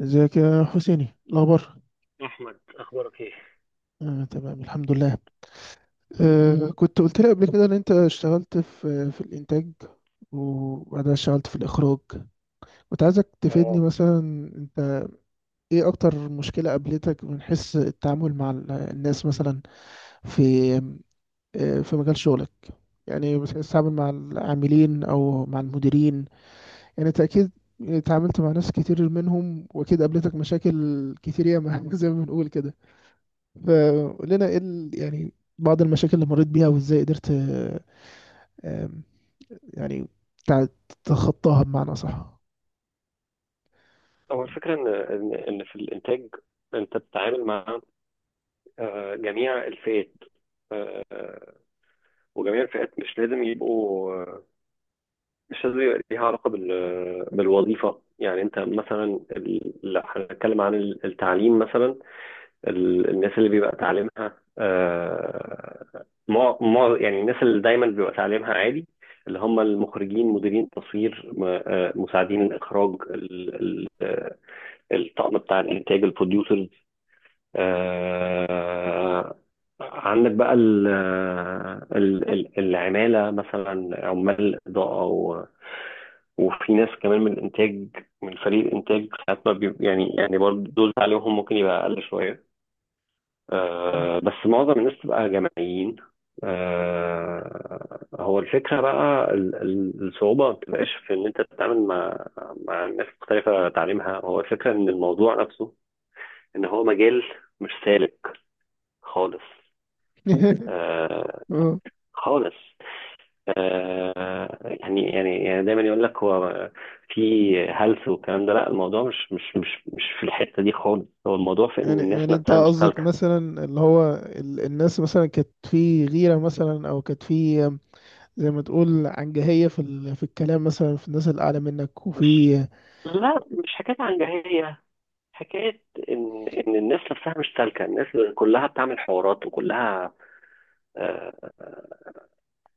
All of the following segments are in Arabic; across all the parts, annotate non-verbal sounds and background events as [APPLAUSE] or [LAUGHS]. ازيك يا حسيني، الاخبار؟ أحمد أخبارك إيه؟ آه، تمام الحمد لله. مم. كنت قلت لي قبل كده ان انت اشتغلت في الانتاج وبعدها اشتغلت في الاخراج. كنت عايزك تفيدني اه. مثلا. انت ايه اكتر مشكلة قابلتك من حيث التعامل مع الناس مثلا في في مجال شغلك؟ يعني بتحس تتعامل مع العاملين او مع المديرين، يعني انت اكيد اتعاملت مع ناس كتير منهم واكيد قابلتك مشاكل كتير ياما [LAUGHS] زي ما بنقول كده. فقلنا ايه يعني بعض المشاكل اللي مريت بيها وازاي قدرت آم، يعني تتخطاها بمعنى صح. هو الفكرة إن في الإنتاج أنت بتتعامل مع جميع الفئات. آه، آه، وجميع الفئات مش لازم يبقوا مش لازم يبقى ليها علاقة بالوظيفة، يعني أنت مثلا لا، هنتكلم عن التعليم مثلا. الناس اللي بيبقى تعليمها يعني الناس اللي دايما بيبقى تعليمها عالي، اللي هم المخرجين، مديرين التصوير، مساعدين الإخراج، الطقم بتاع الانتاج، البروديوسرز. آه عندك بقى ال آه، ال ال العمالة، مثلا عمال إضاءة، وفي ناس كمان من الإنتاج، من فريق الإنتاج ساعات ما بي- يعني برضه دول عليهم ممكن يبقى أقل شوية، مم. بس معظم الناس تبقى جماعيين. هو الفكرة بقى الصعوبة ما بتبقاش في إن أنت تتعامل مع ناس مختلفة تعليمها، هو الفكرة إن الموضوع نفسه ان هو مجال مش سالك خالص. [LAUGHS] آه اه، خالص. يعني يعني دايما يقول لك هو في هلس والكلام ده، لا، الموضوع مش في الحته دي خالص، هو الموضوع في ان يعني الناس يعني انت نفسها مش قصدك سالكه. مثلا اللي هو الناس مثلا كانت في غيرة مثلا، او كانت في آم، زي ما تقول عنجهية في في الكلام مثلا، في الناس الأعلى منك مش وفي. لا، مش حكايه عنجهيه، حكايه ان الناس نفسها مش سالكه. الناس كلها بتعمل حوارات، وكلها آه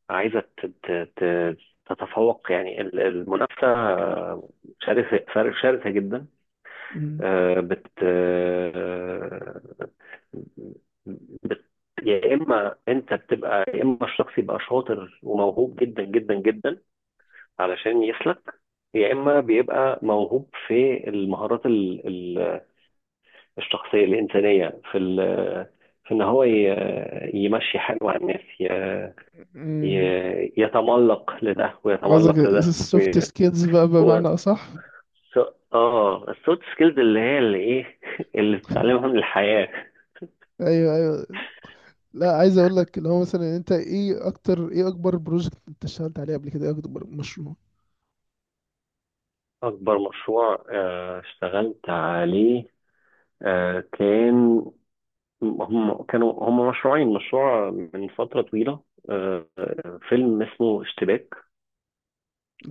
عايزه تتفوق، يعني المنافسه شرسه، شرسه جدا. مم. آه، بت آه، بت يا اما انت بتبقى، يا اما الشخص يبقى شاطر وموهوب جدا جدا جدا علشان يسلك، يا اما بيبقى موهوب في المهارات الشخصيه الانسانيه، في ان هو يمشي حاله على الناس، مم. يتملق لده قصدك ويتملق لده السوفت سكيلز بقى، هو بمعنى أصح. السوفت سكيلز اللي هي اللي ايه [LAUGHS] اللي بتتعلمها من الحياه. أيوه، أيوه. لا، عايز اقول لك اللي هو مثلا انت ايه اكبر بروجكت انت اشتغلت عليه قبل كده، ايه اكبر مشروع؟ أكبر مشروع اشتغلت عليه كان، هم كانوا مشروعين، مشروع من فترة طويلة، فيلم اسمه اشتباك.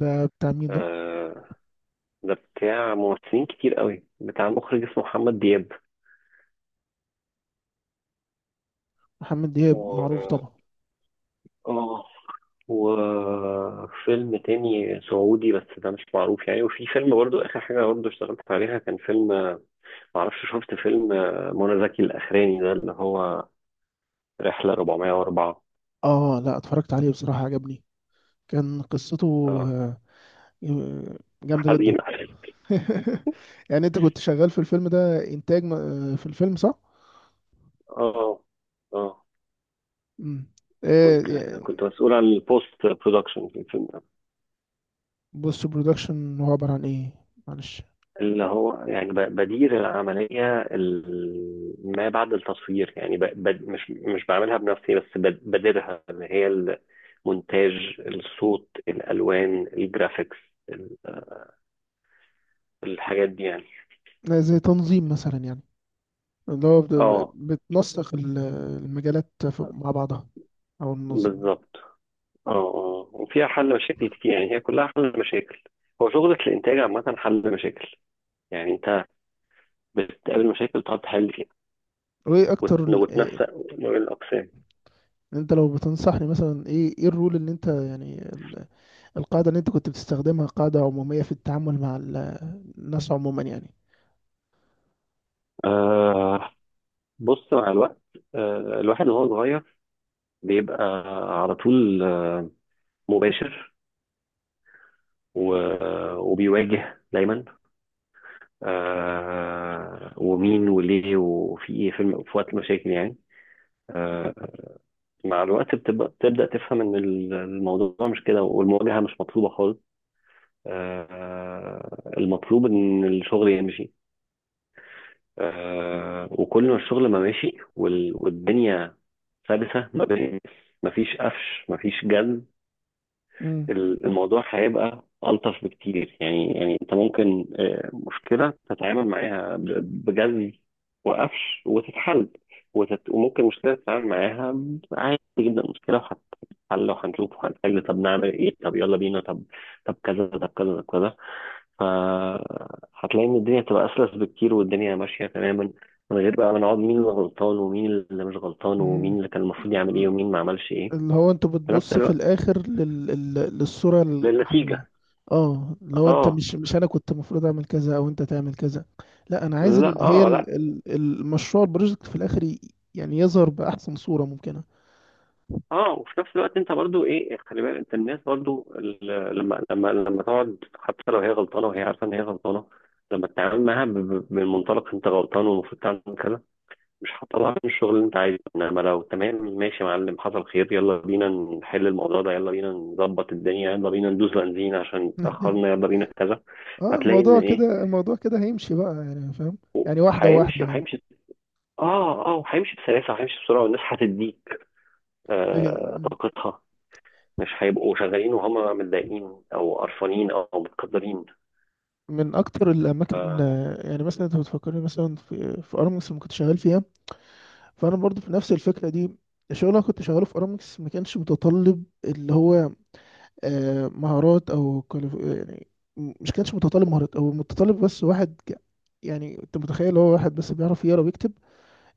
ده بتاع مين ده؟ آه، ده بتاع ممثلين كتير قوي، بتاع مخرج اسمه محمد دياب. محمد دياب معروف و... طبعا. اه وفيلم تاني سعودي بس ده مش معروف يعني. وفي فيلم برضو، آخر حاجة برضو اشتغلت عليها، كان فيلم، معرفش شفت فيلم منى زكي الأخراني ده، اللي هو رحلة 404. اه لا، اتفرجت عليه بصراحة، عجبني. كان قصته اه، آه، جامدة جدا. حزينة. [LAUGHS] يعني انت كنت شغال في الفيلم ده انتاج في الفيلم، صح؟ اه اه، امم. كنت ايه؟ كنت مسؤول عن البوست برودكشن في الفيلم ده. بص، برودكشن هو عبارة عن ايه؟ معلش. اللي هو يعني بدير العملية ما بعد التصوير، يعني ب... ب... مش مش بعملها بنفسي، بس بديرها، اللي هي المونتاج، الصوت، الألوان، الجرافيكس، ال- الحاجات دي يعني. زي تنظيم مثلا يعني، اللي هو اه، بتنسق المجالات مع بعضها، او النظم يعني. بالظبط. اه اه، وفيها حل مشاكل كتير، يعني هي كلها حل مشاكل. هو شغلة الإنتاج عامة حل مشاكل، يعني أنت بتقابل مشاكل تقعد تحل فيها وايه اكتر إيه؟ وتنسق ما بين الأقسام. انت لو بتنصحني مثلا، ايه الرول اللي انت يعني القاعدة اللي انت كنت بتستخدمها، قاعدة عمومية في التعامل مع الناس عموما يعني. آه بص، مع الوقت الواحد وهو صغير بيبقى على طول مباشر، وبيواجه دايما ومين وليه وفي ايه في في وقت المشاكل يعني. آه مع الوقت بتبدأ تفهم ان الموضوع مش كده، والمواجهة مش مطلوبة خالص. المطلوب ان الشغل يمشي، وكل ما الشغل ما ماشي والدنيا سلسة ما بين، مفيش قفش مفيش جد، مم. الموضوع هيبقى ألطف بكتير. يعني أنت ممكن مشكلة تتعامل معاها بجد وقفش وتتحل، وممكن مشكلة تتعامل معاها عادي جدا، مشكلة وهتتحل وهنشوف وهنحل، طب نعمل إيه، طب يلا بينا، طب طب كذا طب كذا طب كذا. فهتلاقي ان الدنيا هتبقى اسلس بكتير، والدنيا ماشيه تماما من غير بقى ما نقعد مين اللي غلطان ومين اللي مش غلطان ومين مم. اللي كان المفروض يعمل ايه ومين ما عملش ايه، اللي هو انت في نفس بتبص في الوقت الاخر للصورة العامة؟ للنتيجه. اه، لو انت اه مش انا كنت المفروض اعمل كذا او انت تعمل كذا. لا، انا عايز لا، ال... هي اه لا. ال... ال- المشروع البروجكت في الاخر يعني يظهر باحسن صورة ممكنة. اه، وفي نفس الوقت انت برضو ايه، خلي بالك انت، الناس برضو لما لما تقعد حتى لو هي غلطانه وهي عارفه ان هي غلطانه، لما تتعامل معاها بالمنطلق انت غلطان والمفروض تعمل كذا، مش هتطلعني من الشغل اللي انت عايزه. انما لو تمام ماشي يا معلم، حصل خير، يلا بينا نحل الموضوع ده، يلا بينا نظبط الدنيا، يلا بينا ندوس بنزين عشان اتاخرنا، [LAUGHS] يلا بينا كذا. اه، هتلاقي ان الموضوع ايه، كده الموضوع كده هيمشي بقى يعني، فاهم؟ يعني واحدة هيمشي واحدة يعني. وهيمشي. اه اه، وهيمشي بسلاسه وهيمشي بسرعه، والناس هتديك لكن طاقتها، مش هيبقوا شغالين وهم متضايقين او قرفانين او متقدرين. من أكتر الأماكن، اه يعني مثلا أنت بتفكرني مثلا في أرامكس اللي كنت شغال فيها، فأنا برضو في نفس الفكرة دي. الشغل اللي أنا كنت شغاله في أرامكس ما كانش متطلب اللي هو مهارات أو يعني، مش كانش متطلب مهارات أو متطلب، بس واحد يعني أنت متخيل، هو واحد بس بيعرف يقرا ويكتب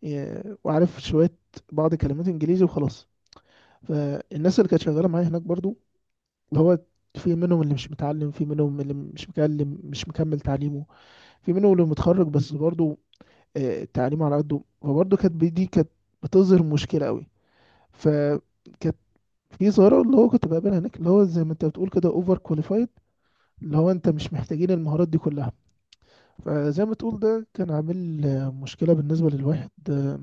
وعارف شوية بعض كلمات إنجليزي وخلاص. فالناس اللي كانت شغالة معايا هناك برضو، هو في منهم اللي مش متعلم، في منهم اللي مش مكمل تعليمه، في منهم اللي متخرج بس برضه تعليمه على قده، فبرضه كانت دي كانت بتظهر مشكلة قوي. فكانت في ظاهرة اللي هو كنت بقابلها هناك، اللي هو زي ما انت بتقول كده، اوفر كواليفايد، اللي هو انت مش محتاجين المهارات دي كلها. فزي ما تقول ده كان عامل مشكلة بالنسبة للواحد،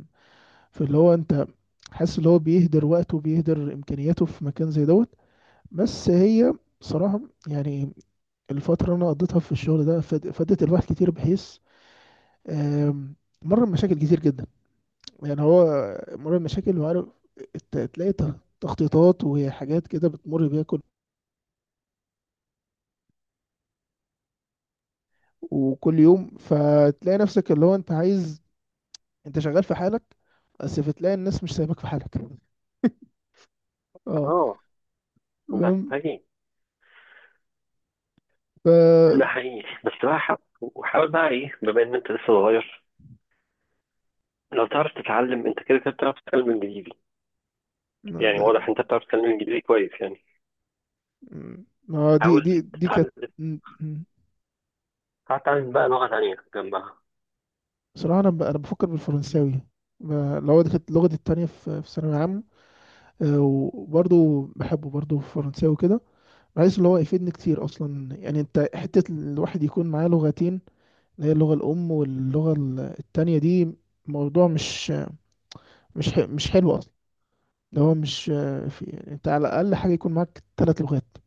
في اللي هو انت حاسس اللي هو بيهدر وقته وبيهدر امكانياته في مكان زي دوت. بس هي بصراحة يعني، الفترة اللي أنا قضيتها في الشغل ده فادت الواحد كتير، بحيث آم، مر بمشاكل كتير جدا. يعني هو مر بمشاكل وعارف، تلاقي تخطيطات وحاجات كده بتمر بيها وكل يوم، فتلاقي نفسك اللي هو أنت عايز، أنت شغال في حالك بس، فتلاقي الناس مش سايبك في حالك. اه، آه، ده فاهم. حقيقي. ف ده حقيقي، بس بقى حاول وحاول بقى ايه، بما ان انت لسه صغير. لو تعرف تتعلم، انت كده كده بتعرف تتكلم انجليزي، ما يعني ده- واضح انت بتعرف تتكلم انجليزي كويس يعني. ما دي دي حاول دي كانت تتعلم، م- م. بقى لغة تانية جنبها. بصراحة. أنا بفكر بالفرنساوي، اللي هو دي كانت لغتي التانية في ثانوية عامة، وبرضه بحبه، برضه في فرنساوي كده، بحيث اللي هو يفيدني كتير اصلا يعني، انت حتة الواحد يكون معاه لغتين، اللي هي اللغة الام واللغة التانية دي، موضوع مش حلو اصلا. اللي هو مش آه، في يعني انت على الاقل حاجة يكون معاك ثلاث لغات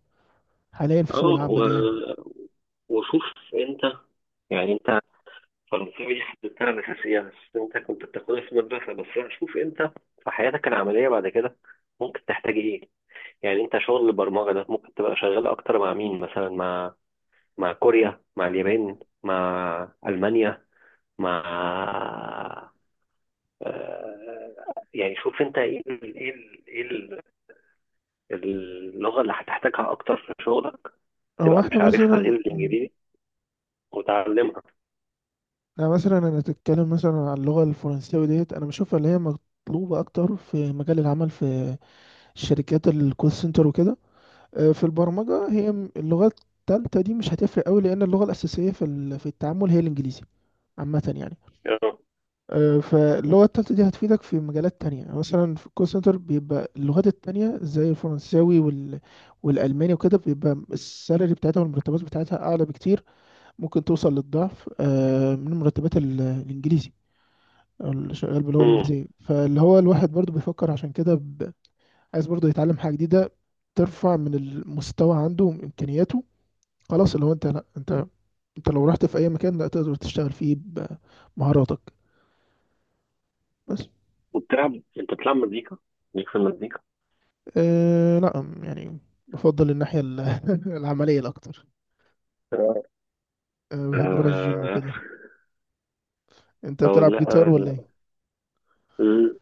حاليا في اه، سوق العمل يعني. وشوف انت، يعني انت، فرنساوي دي حددتها الأساسية بس انت كنت بتاخدها في المدرسة، بس شوف انت في حياتك العملية بعد كده ممكن تحتاج ايه. يعني انت شغل البرمجة ده ممكن تبقى شغال اكتر مع مين مثلا، مع كوريا، مع اليابان، مع ألمانيا، مع آه، يعني شوف انت ايه ايه اللغة اللي هتحتاجها أكتر في شغلك، هو تبقى احنا مش عارفها غير مثلا الإنجليزي وتعلمها. انا تتكلم مثلا عن اللغة الفرنساوي ديت، انا بشوفها اللي هي مطلوبة اكتر في مجال العمل، في شركات الكول سنتر وكده. في البرمجة هي اللغة التالتة دي مش هتفرق قوي، لأن اللغة الأساسية في في التعامل هي الإنجليزي عامة يعني. آه. فاللغة التالتة دي هتفيدك في مجالات تانية يعني، مثلا في الكول سنتر بيبقى اللغات التانية زي الفرنساوي والألماني وكده بيبقى السالري بتاعتها والمرتبات بتاعتها أعلى بكتير، ممكن توصل للضعف من مرتبات الإنجليزي أو اللي شغال باللغة مم. الإنجليزية. فاللي هو الواحد برضو بيفكر عشان كده عايز برضو يتعلم حاجة جديدة ترفع من المستوى عنده وإمكانياته. خلاص، لو انت لا انت انت لو رحت في اي مكان لا تقدر تشتغل فيه بمهاراتك، بس. أنت بتلعب مزيكا؟ ليك في المزيكا؟ اه لا، يعني بفضل الناحية [LAUGHS] العملية الأكتر. أه، بحب أروح الجيم آه، وكده. أنت لو بتلعب جيتار لا ولا لا. إيه؟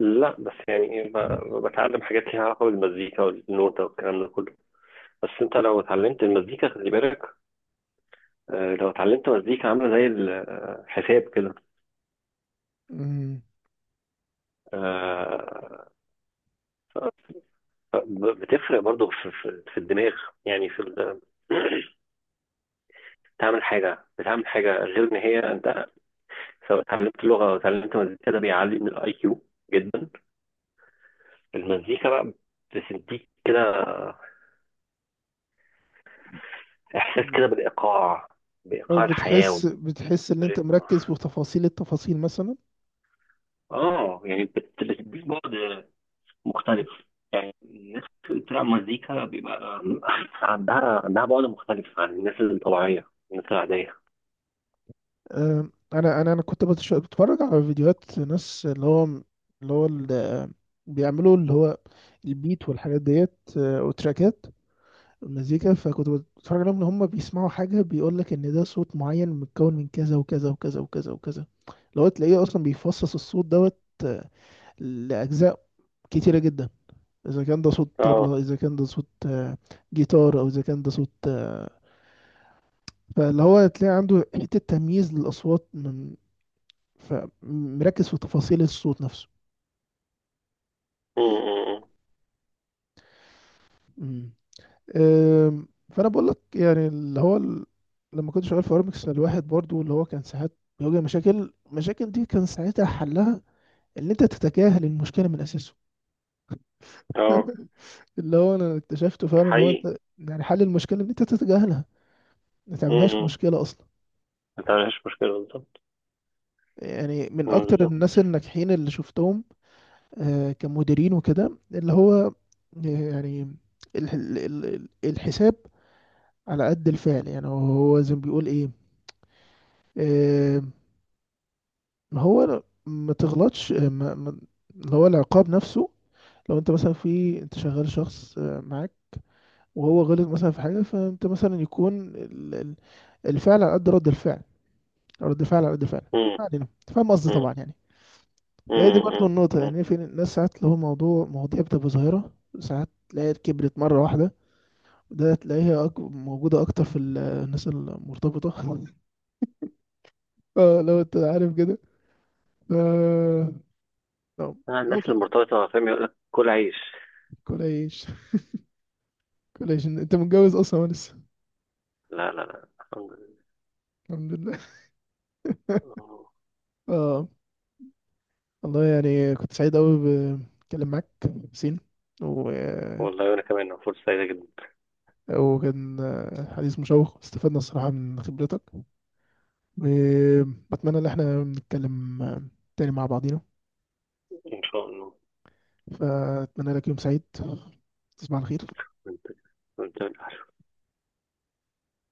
لا، بس يعني إيه، بتعلم حاجات ليها علاقة بالمزيكا والنوتة والكلام ده كله. بس انت لو اتعلمت المزيكا، خلي بالك، لو اتعلمت مزيكا عاملة زي الحساب كده، مم. آه، ف- ف- بتفرق برضو في الدماغ، يعني تعمل حاجة بتعمل حاجة غير إن هي أنت سواء اتعلمت لغة أو اتعلمت مزيكا، ده بيعلي من الأي كيو جدا. المزيكا بقى بتديك كده إحساس مم. كده بالإيقاع، أو بإيقاع الحياة بتحس إن أنت والريتم. مركز في تفاصيل التفاصيل مثلا. يعني بتديك بعد مختلف، يعني الناس اللي بتلعب مزيكا بيبقى [LAUGHS] عندها بعد مختلف عن الناس الطبيعية، الناس العادية. أه، أنا كنت بتفرج على فيديوهات ناس اللي هو بيعملوا اللي هو البيت والحاجات ديت، أه، وتراكات مزيكا. فكنت بتفرج عليهم، ان هم بيسمعوا حاجه بيقول لك ان ده صوت معين متكون من كذا وكذا وكذا وكذا وكذا. لو تلاقيه اصلا بيفصص الصوت دوت آه، لاجزاء كتيره جدا، اذا كان ده صوت اه. طبلة، اذا كان ده صوت جيتار، او اذا كان ده صوت فاللي هو تلاقي عنده حته تمييز للاصوات فمركز في تفاصيل الصوت نفسه. م- م- م. مم. فانا بقول لك يعني، اللي هو لما كنت شغال في ارمكس الواحد برضو اللي هو كان ساعات بيواجه مشاكل، المشاكل دي كان ساعتها حلها ان انت تتجاهل المشكله من اساسه. اه، [LAUGHS] اللي هو انا اكتشفته ده فعلا، ان هو حقيقي. انت يعني حل المشكله ان انت تتجاهلها، ما م- تعملهاش م. مشكله اصلا. ما تعملش مشكلة، بالظبط. يعني من اكتر بالظبط. الناس الناجحين اللي شفتهم كمديرين وكده، اللي هو يعني الحساب على قد الفعل يعني، هو زي ما بيقول ايه. هو ما تغلطش، اللي هو العقاب نفسه. لو انت مثلا انت شغال شخص معاك وهو غلط مثلا في حاجة، فانت مثلا يكون الفعل على قد رد الفعل، رد الفعل على قد الفعل. م- ما علينا، أنت فاهم قصدي م. طبعا يعني. هي دي برضو امم. النقطة امم. يعني، في ناس ساعات اللي هو مواضيع بتبقى ظاهرة، ساعات تلاقيها كبرت مرة واحدة، وده تلاقيها موجودة أكتر في الناس المرتبطة. [LAUGHS] اه، لو انت عارف كده، ف- لو لو الناس المرتبطة، فاهم، يقول لك كل عيش. كل ايش كولاجين. انت متجوز اصلا ولا لسه؟ لا لا لا، الحمد لله. الحمد لله. [LAUGHS] آه، اه، والله يعني كنت سعيد قوي بتكلم معاك سين و... والله، وأنا كمان فرصة سعيدة جدا. وكان حديث مشوق، استفدنا الصراحة من خبرتك، وبتمنى ان احنا نتكلم تاني مع بعضينا. إن شاء الله. فأتمنى لك يوم سعيد، تصبح على خير. وأنت، وأنت.